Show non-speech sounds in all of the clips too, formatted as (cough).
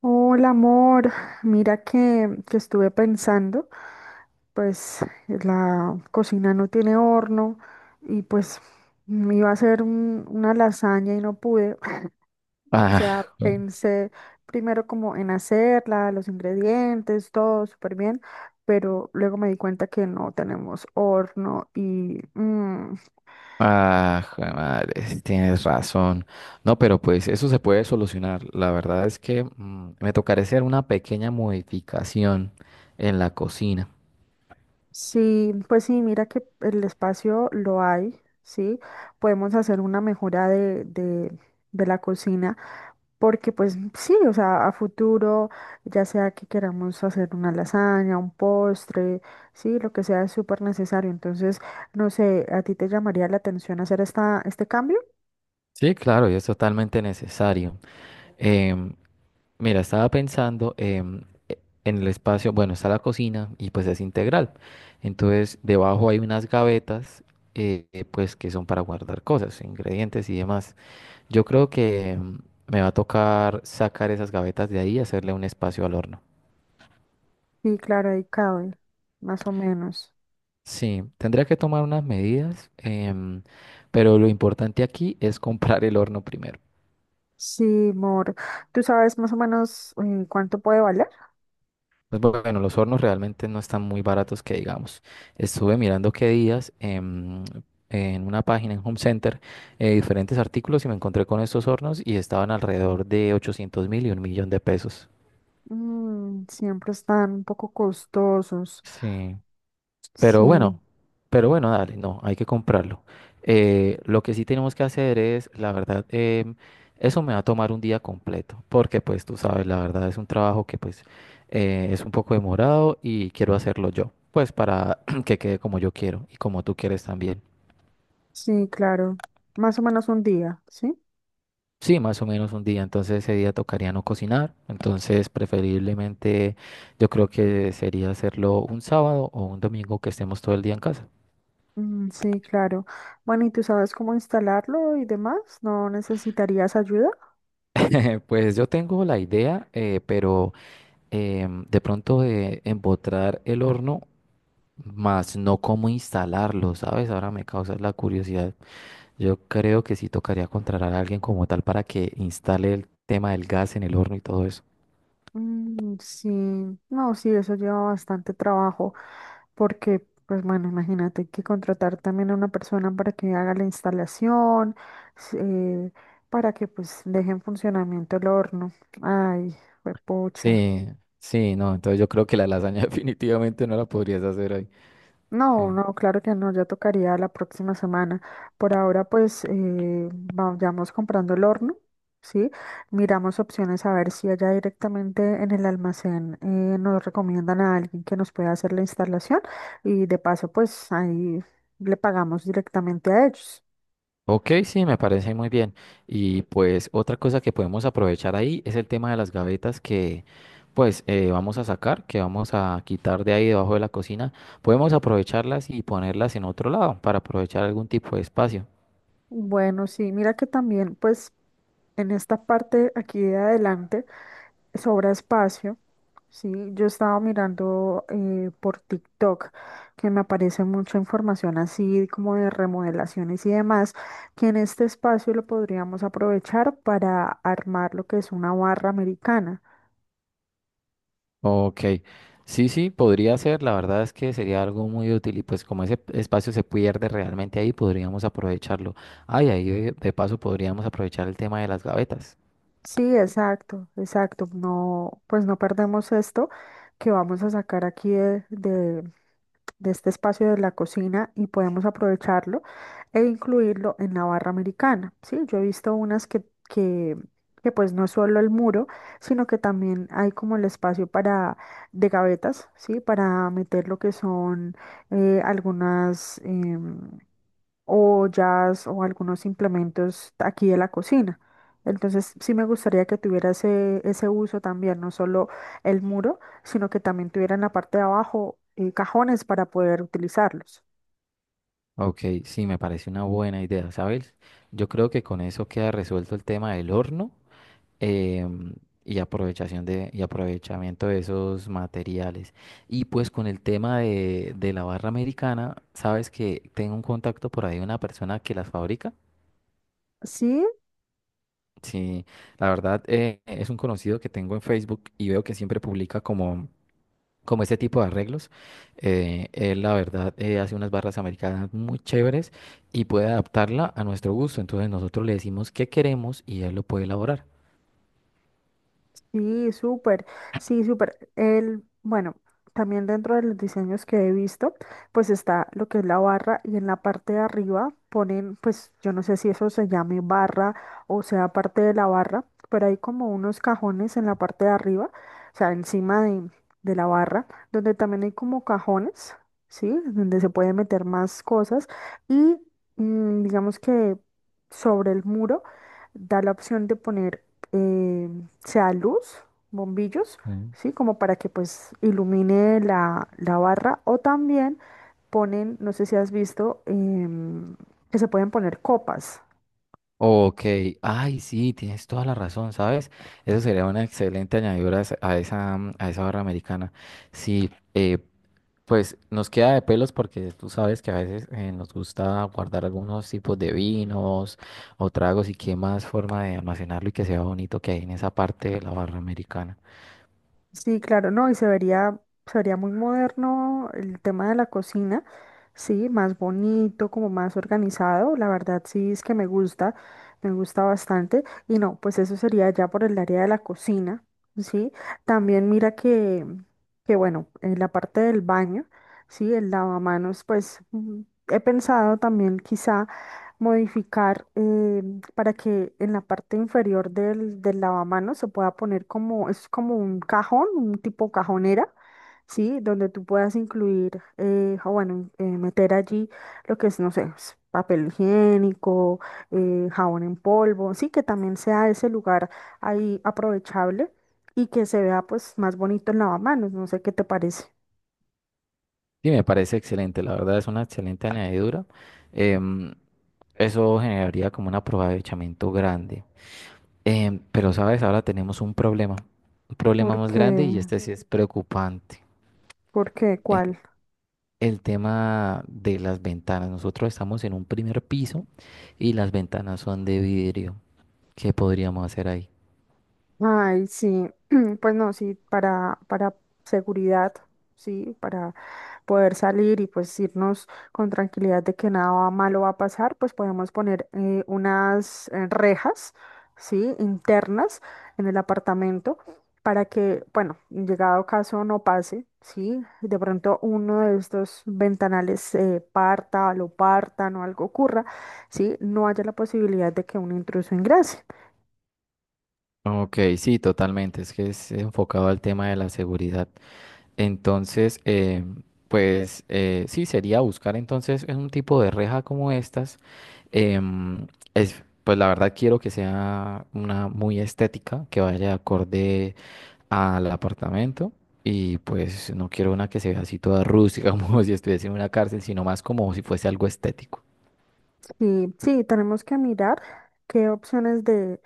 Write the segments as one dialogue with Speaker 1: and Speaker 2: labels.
Speaker 1: Hola amor, mira que estuve pensando, pues la cocina no tiene horno y pues me iba a hacer una lasaña y no pude. (laughs) O
Speaker 2: Ah,
Speaker 1: sea, pensé primero como en hacerla, los ingredientes, todo súper bien, pero luego me di cuenta que no tenemos horno y
Speaker 2: jue madre, sí tienes razón. No, pero pues eso se puede solucionar. La verdad es que me tocará hacer una pequeña modificación en la cocina.
Speaker 1: sí, pues sí, mira que el espacio lo hay, ¿sí? Podemos hacer una mejora de la cocina, porque pues sí, o sea, a futuro, ya sea que queramos hacer una lasaña, un postre, sí, lo que sea es súper necesario. Entonces, no sé, ¿a ti te llamaría la atención hacer este cambio?
Speaker 2: Sí, claro, y es totalmente necesario. Em, mira, estaba pensando en el espacio, bueno, está la cocina y pues es integral. Entonces, debajo hay unas gavetas, pues que son para guardar cosas, ingredientes y demás. Yo creo que me va a tocar sacar esas gavetas de ahí y hacerle un espacio al horno.
Speaker 1: Sí, claro, ahí cabe, más o menos.
Speaker 2: Sí, tendría que tomar unas medidas, pero lo importante aquí es comprar el horno primero.
Speaker 1: Sí, amor, ¿tú sabes más o menos cuánto puede valer?
Speaker 2: Pues bueno, los hornos realmente no están muy baratos que digamos. Estuve mirando qué días en una página en Home Center diferentes artículos y me encontré con estos hornos y estaban alrededor de 800 mil y un millón de pesos.
Speaker 1: Mm, siempre están un poco costosos.
Speaker 2: Sí. Pero
Speaker 1: Sí,
Speaker 2: bueno, pero bueno, dale, no, hay que comprarlo. Lo que sí tenemos que hacer es, la verdad, eso me va a tomar un día completo, porque pues tú sabes, la verdad es un trabajo que pues es un poco demorado y quiero hacerlo yo, pues para (clears throat) que quede como yo quiero y como tú quieres también.
Speaker 1: sí, claro. Más o menos un día, ¿sí?
Speaker 2: Sí, más o menos un día, entonces ese día tocaría no cocinar, entonces preferiblemente yo creo que sería hacerlo un sábado o un domingo que estemos todo el día en casa.
Speaker 1: Mm, sí, claro. Bueno, ¿y tú sabes cómo instalarlo y demás? ¿No necesitarías ayuda?
Speaker 2: (laughs) Pues yo tengo la idea, pero de pronto de empotrar el horno, más no cómo instalarlo, ¿sabes? Ahora me causa la curiosidad. Yo creo que sí tocaría contratar a alguien como tal para que instale el tema del gas en el horno y todo eso.
Speaker 1: Mm, sí, no, sí, eso lleva bastante trabajo porque, pues bueno, imagínate, hay que contratar también a una persona para que haga la instalación, s- eh, para que pues deje en funcionamiento el horno. Ay, fue.
Speaker 2: Sí, sí, no, entonces yo creo que la lasaña (laughs) definitivamente no la podrías hacer ahí. Sí.
Speaker 1: No, no, claro que no, ya tocaría la próxima semana. Por ahora, pues vayamos comprando el horno, ¿sí? Miramos opciones a ver si allá directamente en el almacén nos recomiendan a alguien que nos pueda hacer la instalación y de paso, pues ahí le pagamos directamente a ellos.
Speaker 2: Ok, sí, me parece muy bien. Y pues otra cosa que podemos aprovechar ahí es el tema de las gavetas que pues vamos a sacar, que vamos a quitar de ahí debajo de la cocina. Podemos aprovecharlas y ponerlas en otro lado para aprovechar algún tipo de espacio.
Speaker 1: Bueno, sí, mira que también, pues en esta parte aquí de adelante sobra espacio. Sí, yo estaba mirando por TikTok que me aparece mucha información así como de remodelaciones y demás, que en este espacio lo podríamos aprovechar para armar lo que es una barra americana.
Speaker 2: Ok, sí, sí, podría ser. La verdad es que sería algo muy útil y pues como ese espacio se pierde realmente ahí, podríamos aprovecharlo. Ay, ahí de paso podríamos aprovechar el tema de las gavetas.
Speaker 1: Sí, exacto, exacto. No, pues no perdemos esto que vamos a sacar aquí de este espacio de la cocina y podemos aprovecharlo e incluirlo en la barra americana. Sí, yo he visto unas que pues no es solo el muro, sino que también hay como el espacio para de gavetas, sí, para meter lo que son algunas o jazz o algunos implementos aquí de la cocina. Entonces, sí me gustaría que tuviera ese uso también, no solo el muro, sino que también tuviera en la parte de abajo cajones para poder utilizarlos.
Speaker 2: Ok, sí, me parece una buena idea, ¿sabes? Yo creo que con eso queda resuelto el tema del horno em, y y aprovechamiento de esos materiales. Y pues con el tema de la barra americana, ¿sabes que tengo un contacto por ahí de una persona que las fabrica?
Speaker 1: Sí,
Speaker 2: Sí, la verdad es un conocido que tengo en Facebook y veo que siempre publica como este tipo de arreglos. Él, la verdad, hace unas barras americanas muy chéveres y puede adaptarla a nuestro gusto. Entonces nosotros le decimos qué queremos y él lo puede elaborar.
Speaker 1: sí, súper, sí, súper. El, bueno, también dentro de los diseños que he visto, pues está lo que es la barra y en la parte de arriba ponen, pues yo no sé si eso se llame barra o sea parte de la barra, pero hay como unos cajones en la parte de arriba, o sea, de la barra, donde también hay como cajones, ¿sí? Donde se puede meter más cosas y digamos que sobre el muro da la opción de poner eh, sea luz, bombillos,
Speaker 2: Sí.
Speaker 1: ¿sí? Como para que pues ilumine la barra o también ponen, no sé si has visto, que se pueden poner copas.
Speaker 2: Ok, ay, sí, tienes toda la razón, ¿sabes? Eso sería una excelente añadidura a esa, a esa barra americana. Sí, pues nos queda de pelos porque tú sabes que a veces nos gusta guardar algunos tipos de vinos o tragos y qué más forma de almacenarlo y que sea bonito que hay en esa parte de la barra americana.
Speaker 1: Sí, claro, no, y se vería muy moderno el tema de la cocina, sí, más bonito, como más organizado, la verdad sí es que me gusta bastante, y no, pues eso sería ya por el área de la cocina, sí, también mira que bueno, en la parte del baño, sí, el lavamanos, pues he pensado también quizá modificar para que en la parte inferior del lavamanos se pueda poner como, es como un cajón, un tipo cajonera, ¿sí? Donde tú puedas incluir, meter allí lo que es, no sé, es papel higiénico, jabón en polvo, sí, que también sea ese lugar ahí aprovechable y que se vea pues más bonito el lavamanos, no sé qué te parece.
Speaker 2: Sí, me parece excelente, la verdad es una excelente añadidura. Em, eso generaría como un aprovechamiento grande. Pero sabes, ahora tenemos un problema más grande
Speaker 1: porque
Speaker 2: y este sí es preocupante.
Speaker 1: porque
Speaker 2: Eh,
Speaker 1: ¿Cuál?
Speaker 2: el tema de las ventanas. Nosotros estamos en un primer piso y las ventanas son de vidrio. ¿Qué podríamos hacer ahí?
Speaker 1: Ay, sí, (clears throat) pues no, sí, para seguridad, sí, para poder salir y pues irnos con tranquilidad de que nada malo va a pasar, pues podemos poner unas rejas, sí, internas en el apartamento para que, bueno, en llegado caso no pase, sí, de pronto uno de estos ventanales parta, lo partan o algo ocurra, sí, no haya la posibilidad de que un intruso ingrese.
Speaker 2: Ok, sí, totalmente. Es que es enfocado al tema de la seguridad. Entonces, pues sí, sería buscar entonces un tipo de reja como estas. Em, es, pues la verdad quiero que sea una muy estética, que vaya acorde al apartamento y pues no quiero una que se vea así toda rústica (laughs) como si estuviese en una cárcel, sino más como si fuese algo estético.
Speaker 1: Sí, sí, tenemos que mirar qué opciones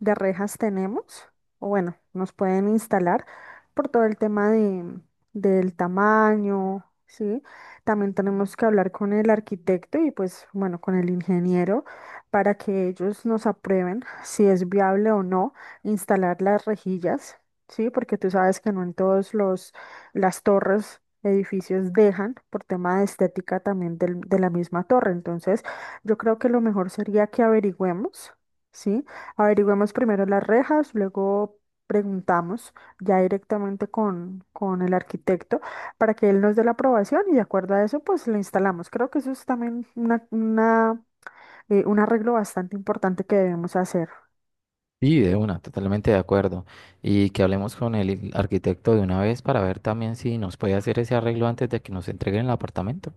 Speaker 1: de rejas tenemos, o bueno, nos pueden instalar por todo el tema del tamaño, ¿sí? También tenemos que hablar con el arquitecto y pues bueno, con el ingeniero para que ellos nos aprueben si es viable o no instalar las rejillas, ¿sí? Porque tú sabes que no en todos los las torres, edificios dejan por tema de estética también de la misma torre, entonces yo creo que lo mejor sería que averigüemos, ¿sí? Averigüemos primero las rejas, luego preguntamos ya directamente con el arquitecto para que él nos dé la aprobación y de acuerdo a eso, pues le instalamos. Creo que eso es también un arreglo bastante importante que debemos hacer.
Speaker 2: Y de una, totalmente de acuerdo. Y que hablemos con el arquitecto de una vez para ver también si nos puede hacer ese arreglo antes de que nos entreguen el apartamento.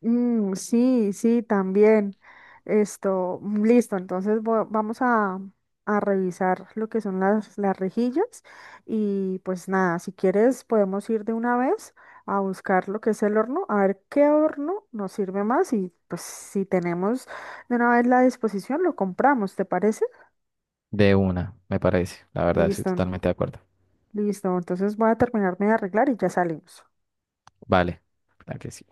Speaker 1: Mm, sí, sí, también. Esto, mm, listo. Entonces vamos a revisar lo que son las rejillas y pues nada, si quieres podemos ir de una vez a buscar lo que es el horno, a ver qué horno nos sirve más y pues si tenemos de una vez la disposición lo compramos, ¿te parece?
Speaker 2: De una, me parece. La verdad, estoy
Speaker 1: Listo,
Speaker 2: totalmente de acuerdo.
Speaker 1: listo. Entonces voy a terminarme de arreglar y ya salimos.
Speaker 2: Vale, la que sí.